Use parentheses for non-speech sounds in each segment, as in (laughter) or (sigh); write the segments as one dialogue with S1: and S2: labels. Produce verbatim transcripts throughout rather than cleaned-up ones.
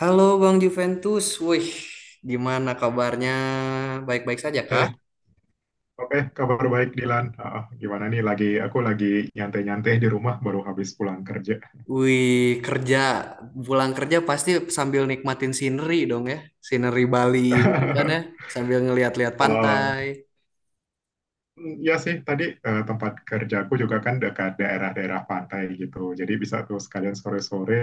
S1: Halo Bang Juventus, wih, gimana kabarnya? Baik-baik saja kah?
S2: Oke, oke, kabar baik Dilan. Ah, gimana nih lagi aku lagi nyantai-nyantai di rumah baru habis pulang kerja.
S1: Wih, kerja, pulang kerja pasti sambil nikmatin scenery dong ya, scenery Bali gitu kan ya,
S2: (laughs)
S1: sambil ngeliat-liat
S2: Eh,
S1: pantai.
S2: ya sih, tadi eh, tempat kerjaku juga kan dekat daerah-daerah pantai gitu. Jadi bisa tuh sekalian sore-sore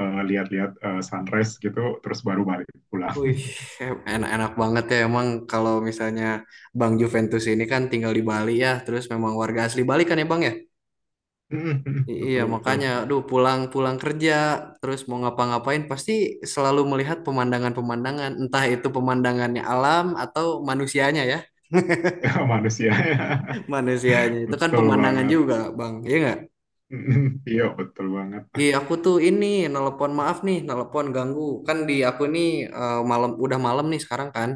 S2: eh, lihat-lihat eh, sunrise gitu, terus baru balik pulang.
S1: Wih, em- enak-enak banget ya emang kalau misalnya Bang Juventus ini kan tinggal di Bali ya, terus memang warga asli Bali kan ya Bang ya?
S2: (laughs)
S1: I- Iya,
S2: Betul betul.
S1: makanya,
S2: (laughs)
S1: aduh, pulang-pulang kerja, terus mau ngapa-ngapain, pasti selalu melihat pemandangan-pemandangan, entah itu pemandangannya alam atau manusianya ya.
S2: Ya,
S1: (laughs)
S2: manusia. (laughs)
S1: Manusianya itu kan
S2: Betul
S1: pemandangan
S2: banget.
S1: juga, Bang. Iya nggak?
S2: (laughs) Iya, betul banget.
S1: Iya, aku tuh ini nelpon maaf nih, nelpon ganggu. Kan di aku nih eh, malam udah malam nih sekarang kan.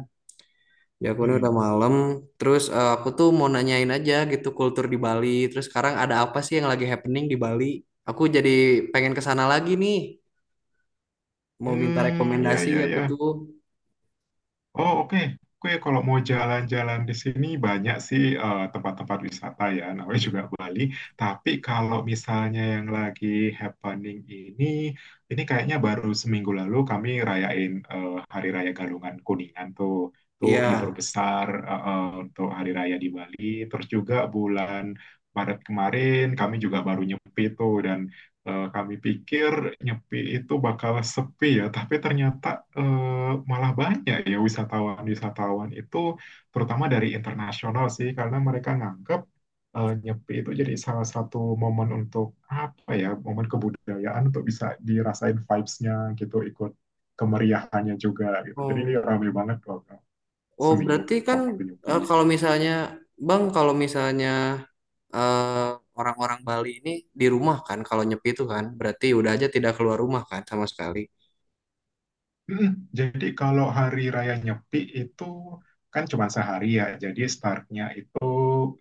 S1: Di aku nih udah
S2: (laughs)
S1: malam. Terus eh, aku tuh mau nanyain aja gitu kultur di Bali. Terus sekarang ada apa sih yang lagi happening di Bali? Aku jadi pengen ke sana lagi nih, mau minta
S2: Hmm, ya
S1: rekomendasi
S2: ya
S1: aku
S2: ya.
S1: tuh
S2: Oh, oke. Gue kalau mau jalan-jalan di sini banyak sih eh, tempat-tempat wisata ya, namanya juga Bali. Tapi kalau misalnya yang lagi happening ini, ini kayaknya baru seminggu lalu kami rayain eh, Hari Raya Galungan Kuningan tuh, tuh libur
S1: ya.
S2: besar eh, eh, untuk Hari Raya di Bali. Terus juga bulan Maret kemarin kami juga baru nyepi tuh dan Eh, kami pikir Nyepi itu bakal sepi ya, tapi ternyata eh, malah banyak ya wisatawan-wisatawan itu, terutama dari internasional sih, karena mereka nganggap eh, Nyepi itu jadi salah satu momen untuk apa ya, momen kebudayaan untuk bisa dirasain vibes-nya gitu, ikut kemeriahannya juga gitu. Jadi ini
S1: Oh,
S2: ramai banget loh
S1: oh
S2: seminggu
S1: berarti kan
S2: waktu Nyepi.
S1: eh, kalau misalnya bang kalau misalnya eh, orang-orang Bali ini di rumah kan kalau nyepi itu kan berarti udah aja tidak keluar rumah kan sama sekali.
S2: Mm, Jadi kalau hari raya Nyepi itu kan cuma sehari ya. Jadi startnya itu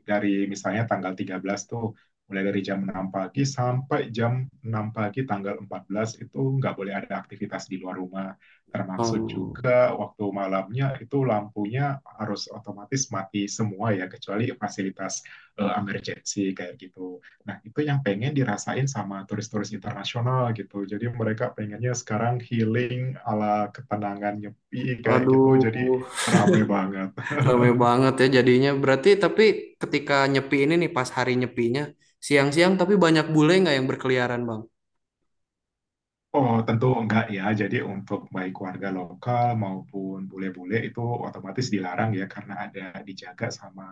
S2: dari misalnya tanggal tiga belas tuh mulai dari jam enam pagi sampai jam enam pagi tanggal empat belas itu nggak boleh ada aktivitas di luar rumah. Termasuk
S1: Oh,
S2: juga waktu malamnya itu lampunya harus otomatis mati semua ya kecuali fasilitas eh, emergency kayak gitu. Nah, itu yang pengen dirasain sama turis-turis internasional gitu. Jadi mereka pengennya sekarang healing ala ketenangan nyepi kayak gitu. Jadi
S1: aduh,
S2: rame banget.
S1: rame banget ya jadinya berarti tapi ketika nyepi ini nih pas hari nyepinya siang-siang tapi banyak bule nggak yang berkeliaran bang?
S2: Oh, tentu enggak ya. Jadi untuk baik warga lokal maupun bule-bule itu otomatis dilarang ya karena ada dijaga sama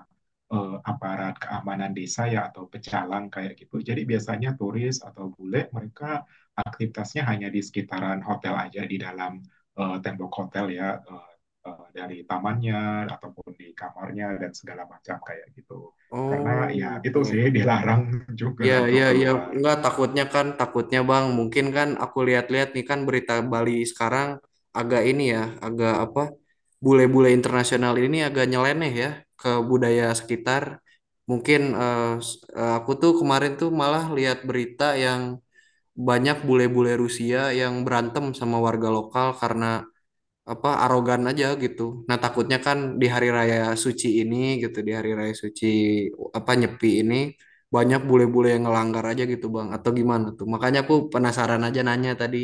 S2: eh, aparat keamanan desa ya atau pecalang kayak gitu. Jadi biasanya turis atau bule mereka aktivitasnya hanya di sekitaran hotel aja di dalam eh, tembok hotel ya eh, eh, dari tamannya ataupun di kamarnya dan segala macam kayak gitu. Karena ya
S1: Oh,
S2: itu sih
S1: oke.
S2: dilarang (laughs) juga
S1: Iya,
S2: lah untuk
S1: iya, iya.
S2: keluar.
S1: Enggak, takutnya kan, takutnya Bang. Mungkin kan aku lihat-lihat nih kan berita Bali sekarang agak ini ya, agak apa, bule-bule internasional ini agak nyeleneh ya ke budaya sekitar. Mungkin eh, s- eh, aku tuh kemarin tuh malah lihat berita yang banyak bule-bule Rusia yang berantem sama warga lokal karena apa arogan aja gitu. Nah, takutnya kan di hari raya suci ini gitu, di hari raya suci apa Nyepi ini banyak bule-bule yang ngelanggar aja gitu, Bang. Atau gimana tuh? Makanya aku penasaran aja nanya tadi.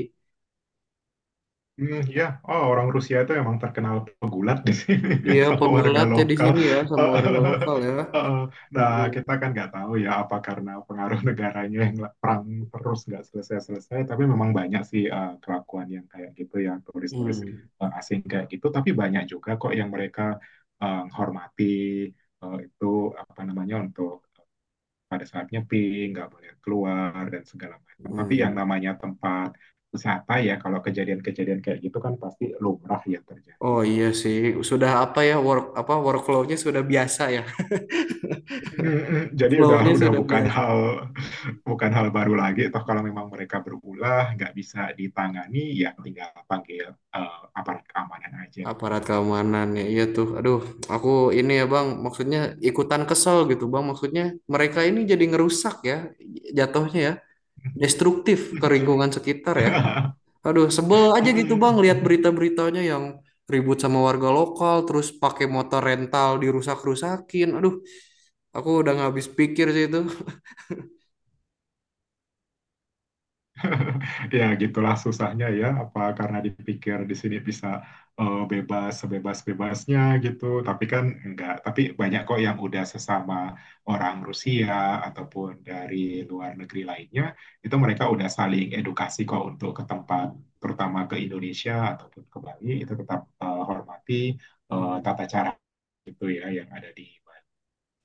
S2: Hmm, ya, oh, orang Rusia itu emang terkenal pegulat di sini
S1: Iya,
S2: (laughs) sama warga
S1: pegulat ya di
S2: lokal.
S1: sini ya
S2: (laughs)
S1: sama warga lokal ya.
S2: Heeh. Nah,
S1: Aduh.
S2: kita kan nggak tahu ya apa karena pengaruh (laughs) negaranya yang la- perang terus nggak selesai-selesai. Tapi memang banyak sih eh, kelakuan yang kayak gitu ya turis-turis
S1: Hmm.
S2: eh, asing kayak gitu. Tapi banyak juga kok yang mereka eh, hormati eh, itu apa namanya untuk pada saat nyeping, nggak boleh keluar dan segala macam. Tapi yang
S1: Hmm.
S2: namanya tempat wisata ya, kalau kejadian-kejadian kayak gitu kan pasti lumrah ya terjadi.
S1: Oh iya sih, sudah apa ya work apa workflow-nya sudah biasa ya. (laughs)
S2: Jadi udah
S1: Flow-nya
S2: udah
S1: sudah
S2: bukan
S1: biasa.
S2: hal bukan hal baru lagi. Toh kalau memang mereka berulah nggak bisa ditangani, ya tinggal panggil eh, aparat keamanan aja kan
S1: Aparat
S2: gitu.
S1: keamanan ya, iya tuh, aduh, aku ini ya bang maksudnya ikutan kesel gitu bang, maksudnya mereka ini jadi ngerusak ya jatuhnya ya, destruktif ke lingkungan sekitar ya. Aduh, sebel aja gitu bang lihat
S2: (laughs)
S1: berita-beritanya yang ribut sama warga lokal terus pakai motor rental dirusak-rusakin. Aduh, aku udah nggak habis pikir sih itu.
S2: (laughs) Ya, gitulah susahnya ya. Apa karena dipikir di sini bisa eh, bebas sebebas-bebasnya gitu, tapi kan enggak. Tapi banyak kok yang udah sesama orang Rusia ataupun dari luar negeri lainnya, itu mereka udah saling edukasi kok untuk ke tempat, terutama ke Indonesia ataupun ke Bali, itu tetap eh, hormati eh,
S1: Hmm.
S2: tata cara gitu ya yang ada di Bali.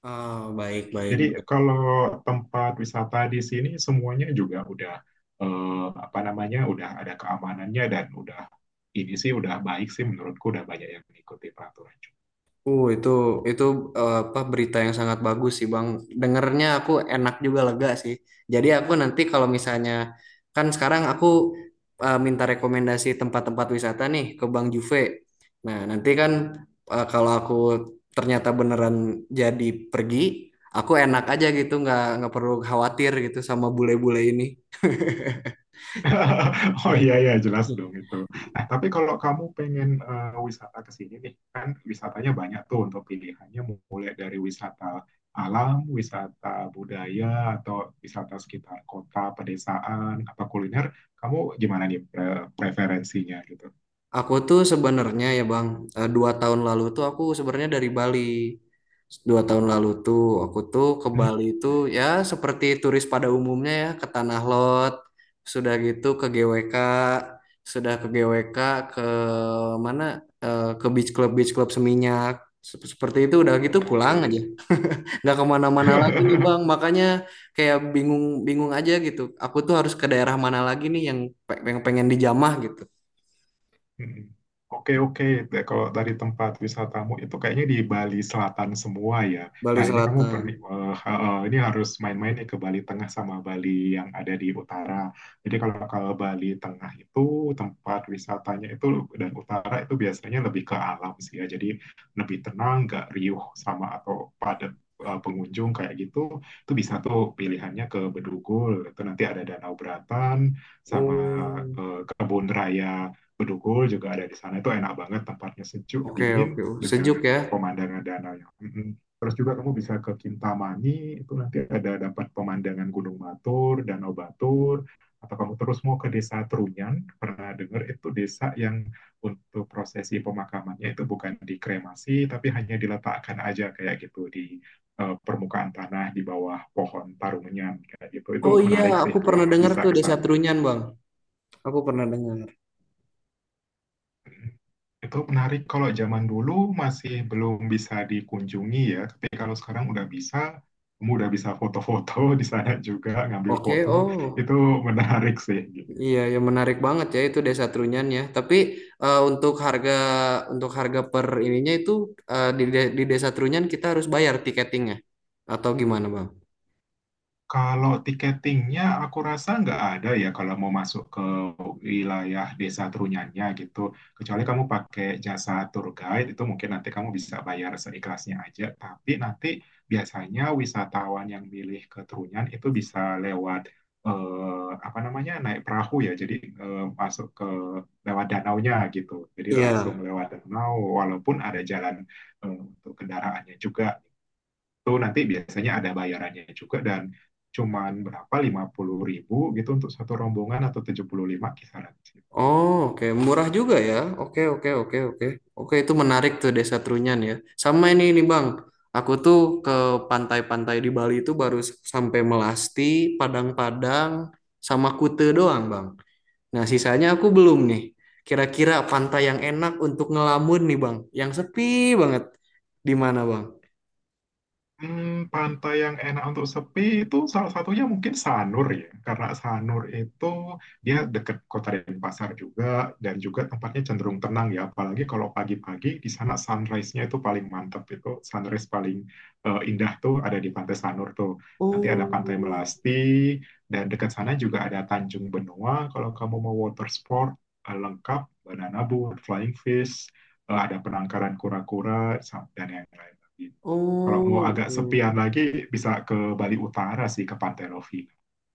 S1: Ah, baik, baik,
S2: Jadi
S1: baik.
S2: kalau tempat wisata di sini semuanya juga udah eh, apa namanya udah ada keamanannya dan udah ini sih udah baik sih menurutku udah banyak yang mengikuti peraturan juga.
S1: Uh, itu itu eh, apa berita yang sangat bagus sih, Bang. Dengernya aku enak juga, lega sih. Jadi aku nanti kalau misalnya kan sekarang aku eh, minta rekomendasi tempat-tempat wisata nih ke Bang Juve. Nah, nanti kan eh, kalau aku ternyata beneran jadi pergi, aku enak aja gitu, nggak nggak perlu khawatir gitu sama bule-bule ini.
S2: (laughs) Oh iya ya jelas dong itu.
S1: (laughs)
S2: Nah, tapi kalau kamu pengen eh, wisata ke sini nih, kan wisatanya banyak tuh untuk pilihannya mulai dari wisata alam, wisata budaya atau wisata sekitar kota, pedesaan, apa kuliner. Kamu gimana nih pre- preferensinya gitu?
S1: Aku tuh sebenarnya ya Bang, eh, dua tahun lalu tuh aku sebenarnya dari Bali. Dua tahun lalu tuh aku tuh ke Bali tuh ya seperti turis pada umumnya ya ke Tanah Lot, sudah gitu ke G W K, sudah ke G W K ke mana eh, ke beach club beach club Seminyak. Sep- Seperti itu udah gitu
S2: Hmm,
S1: pulang aja,
S2: oke.
S1: nggak kemana-mana lagi nih
S2: (laughs)
S1: Bang. Makanya kayak bingung bingung aja gitu. Aku tuh harus ke daerah mana lagi nih yang pe- yang pengen dijamah gitu.
S2: Mm-mm. Oke, oke. Nah, kalau dari tempat wisatamu itu kayaknya di Bali Selatan semua ya.
S1: Bali
S2: Nah, ini kamu pernah,
S1: Selatan.
S2: eh, eh, ini harus main-main nih ke Bali Tengah sama Bali yang ada di utara. Jadi kalau kalau Bali Tengah itu tempat wisatanya itu dan utara itu biasanya lebih ke alam sih ya. Jadi lebih tenang, nggak riuh sama atau padat eh, pengunjung kayak gitu. Itu bisa tuh pilihannya ke Bedugul. Itu nanti ada Danau Beratan sama
S1: Oh,
S2: eh, kebun raya Bedugul juga ada di sana itu enak banget tempatnya sejuk
S1: oke
S2: dingin
S1: oke. Oh,
S2: dengan
S1: sejuk ya.
S2: pemandangan danaunya. Mhm. Terus juga kamu bisa ke Kintamani itu nanti ada dapat pemandangan Gunung Batur, Danau Batur. Atau kamu terus mau ke Desa Trunyan, pernah dengar itu desa yang untuk prosesi pemakamannya itu bukan dikremasi, tapi hanya diletakkan aja kayak gitu di eh, permukaan tanah di bawah pohon tarunyan kayak gitu. Itu
S1: Oh iya,
S2: menarik sih
S1: aku pernah
S2: kalau
S1: dengar
S2: bisa
S1: tuh
S2: ke
S1: Desa
S2: sana.
S1: Trunyan, Bang. Aku pernah dengar.
S2: Itu menarik kalau zaman dulu masih belum bisa dikunjungi ya, tapi kalau sekarang udah bisa, kamu udah bisa foto-foto di sana juga, ngambil
S1: Oke,
S2: foto,
S1: oh.
S2: itu menarik sih gitu.
S1: Iya, ya menarik banget ya itu Desa Trunyan ya. Tapi eh, untuk harga untuk harga per ininya itu eh, di de- di Desa Trunyan kita harus bayar tiketingnya atau gimana, Bang?
S2: Kalau tiketingnya aku rasa nggak ada ya kalau mau masuk ke wilayah desa Trunyannya gitu. Kecuali kamu pakai jasa tour guide itu mungkin nanti kamu bisa bayar seikhlasnya aja. Tapi nanti biasanya wisatawan yang milih ke Trunyan itu bisa lewat eh, apa namanya naik perahu ya. Jadi eh, masuk ke lewat danaunya gitu. Jadi langsung
S1: Iya.
S2: lewat danau walaupun ada jalan eh, untuk kendaraannya juga itu nanti biasanya ada bayarannya juga dan cuman berapa lima puluh ribu gitu untuk satu rombongan atau tujuh puluh lima kisaran.
S1: Oh, oke, murah juga ya. Oke, oke, oke, oke. Oke, itu menarik tuh Desa Trunyan ya. Sama ini nih, Bang. Aku tuh ke pantai-pantai di Bali itu baru s- sampai Melasti, Padang-Padang, sama Kute doang, Bang. Nah, sisanya aku belum nih. Kira-kira pantai yang enak untuk ngelamun nih, Bang. Yang sepi banget. Di mana, Bang?
S2: Hmm, pantai yang enak untuk sepi itu salah satunya mungkin Sanur ya, karena Sanur itu dia dekat Kota Denpasar juga dan juga tempatnya cenderung tenang ya, apalagi kalau pagi-pagi di sana sunrise-nya itu paling mantep itu sunrise paling eh, indah tuh ada di Pantai Sanur tuh. Nanti ada
S1: Oh,
S2: Pantai Melasti dan dekat sana juga ada Tanjung Benua kalau kamu mau water sport eh, lengkap banana boat, flying fish, eh, ada penangkaran kura-kura sam- dan yang lain. Kalau mau
S1: oh,
S2: agak
S1: oke.
S2: sepian lagi bisa ke Bali Utara sih ke Pantai Lovina.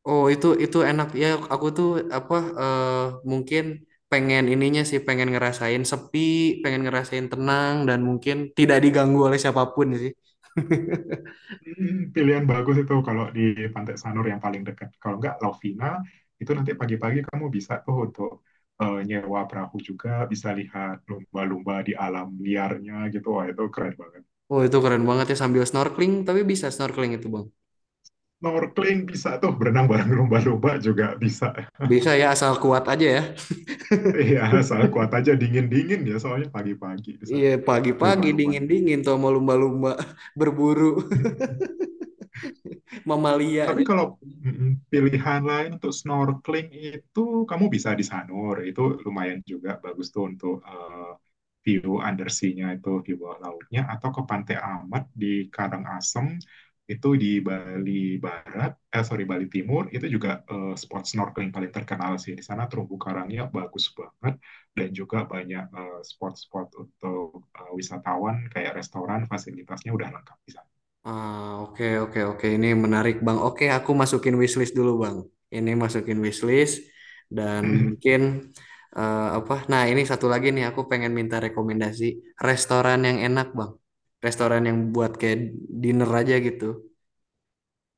S1: Oh itu itu enak ya, aku tuh apa eh, mungkin pengen ininya sih, pengen ngerasain sepi, pengen ngerasain tenang dan mungkin tidak diganggu oleh siapapun sih. (laughs)
S2: Hmm, pilihan bagus itu kalau di Pantai Sanur yang paling dekat. Kalau nggak Lovina itu nanti pagi-pagi kamu bisa tuh untuk eh, nyewa perahu juga, bisa lihat lumba-lumba di alam liarnya gitu. Wah itu keren banget.
S1: Oh itu keren banget ya sambil snorkeling, tapi bisa snorkeling itu bang?
S2: Snorkeling bisa tuh berenang bareng lumba-lumba juga bisa. (laughs)
S1: Bisa ya asal kuat aja ya.
S2: Iya, asal kuat aja dingin-dingin ya soalnya pagi-pagi di
S1: Iya
S2: sana itu
S1: pagi-pagi
S2: lumba-lumbanya.
S1: dingin-dingin tuh sama lumba-lumba (laughs) berburu
S2: (laughs)
S1: (laughs) mamalia
S2: Tapi
S1: aja.
S2: kalau mm, pilihan lain untuk snorkeling itu kamu bisa di Sanur, itu lumayan juga bagus tuh untuk eh, view undersea-nya itu di bawah lautnya atau ke Pantai Amat di Karangasem itu di Bali Barat, eh sorry Bali Timur itu juga eh, spot snorkeling paling terkenal sih di sana terumbu karangnya bagus banget dan juga banyak eh, spot-spot untuk eh, wisatawan kayak restoran fasilitasnya udah lengkap di sana.
S1: Ah, oke oke oke ini menarik Bang. Oke, aku masukin wishlist dulu Bang. Ini masukin wishlist dan
S2: (laughs)
S1: mungkin eh, apa? Nah, ini satu lagi nih aku pengen minta rekomendasi restoran yang enak Bang. Restoran yang buat kayak dinner aja gitu.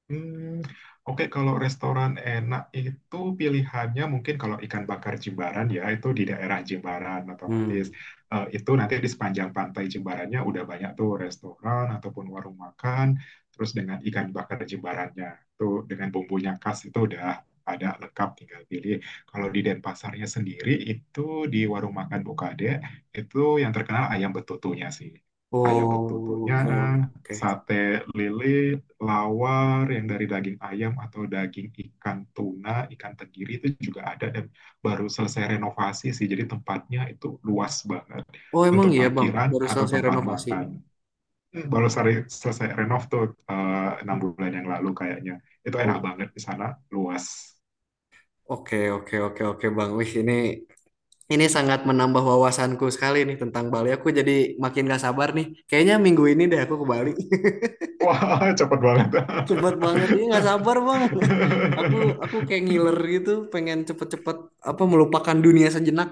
S2: Hmm, oke, kalau restoran enak itu pilihannya mungkin kalau ikan bakar Jimbaran ya itu di daerah Jimbaran
S1: Hmm.
S2: otomatis. Eh, itu nanti di sepanjang pantai Jimbarannya udah banyak tuh restoran ataupun warung makan terus dengan ikan bakar Jimbarannya tuh dengan bumbunya khas itu udah ada lengkap tinggal pilih. Kalau di Denpasarnya sendiri itu di warung makan Bukade itu yang terkenal ayam betutunya sih. Ayam betutunya,
S1: Oh, oke oke.
S2: sate lili, lawar, yang dari daging ayam atau daging ikan tuna, ikan tenggiri itu juga ada dan baru selesai renovasi sih. Jadi tempatnya itu luas banget
S1: Oh, emang
S2: untuk
S1: iya Bang,
S2: parkiran
S1: baru
S2: atau
S1: selesai
S2: tempat
S1: renovasi.
S2: makan. Hmm, Baru selesai renov tuh eh, enam bulan yang lalu kayaknya. Itu enak
S1: Oh,
S2: banget di sana, luas.
S1: oke oke oke oke Bang. Wih, ini Ini sangat menambah wawasanku sekali nih tentang Bali. Aku jadi makin gak sabar nih. Kayaknya minggu ini deh aku ke Bali. (laughs)
S2: Wah, cepet banget.
S1: Cepet banget. Ini gak sabar bang. (laughs) Aku aku kayak ngiler gitu. Pengen cepet-cepet apa melupakan dunia sejenak.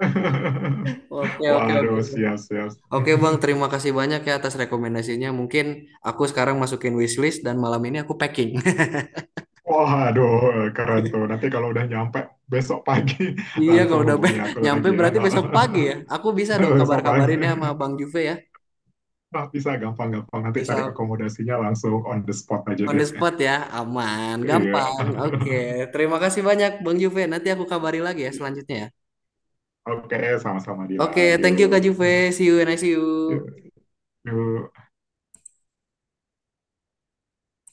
S2: (laughs)
S1: Oke oke oke.
S2: Waduh, siap, siap.
S1: Oke bang,
S2: (laughs)
S1: terima kasih banyak ya atas rekomendasinya. Mungkin aku sekarang masukin wishlist dan malam ini aku packing. (laughs)
S2: Waduh, keren tuh. Nanti kalau udah nyampe besok pagi (laughs)
S1: Iya
S2: langsung
S1: kalau udah
S2: hubungi
S1: be-
S2: aku
S1: nyampe
S2: lagi ya.
S1: berarti besok pagi
S2: (laughs)
S1: ya. Aku bisa dong
S2: Besok pagi.
S1: kabar-kabarin ya sama Bang Juve ya.
S2: Nah, bisa gampang-gampang nanti cari
S1: Bisa.
S2: akomodasinya langsung on the spot aja
S1: On
S2: deh.
S1: the spot ya, aman,
S2: Iya.
S1: gampang. Oke, terima kasih banyak Bang Juve. Nanti aku kabari lagi ya
S2: (laughs)
S1: selanjutnya ya.
S2: Oke, sama-sama
S1: Oke,
S2: Dilan.
S1: thank you Kak
S2: Yuk.
S1: Juve. See you and I see you.
S2: Yuk. Yuk.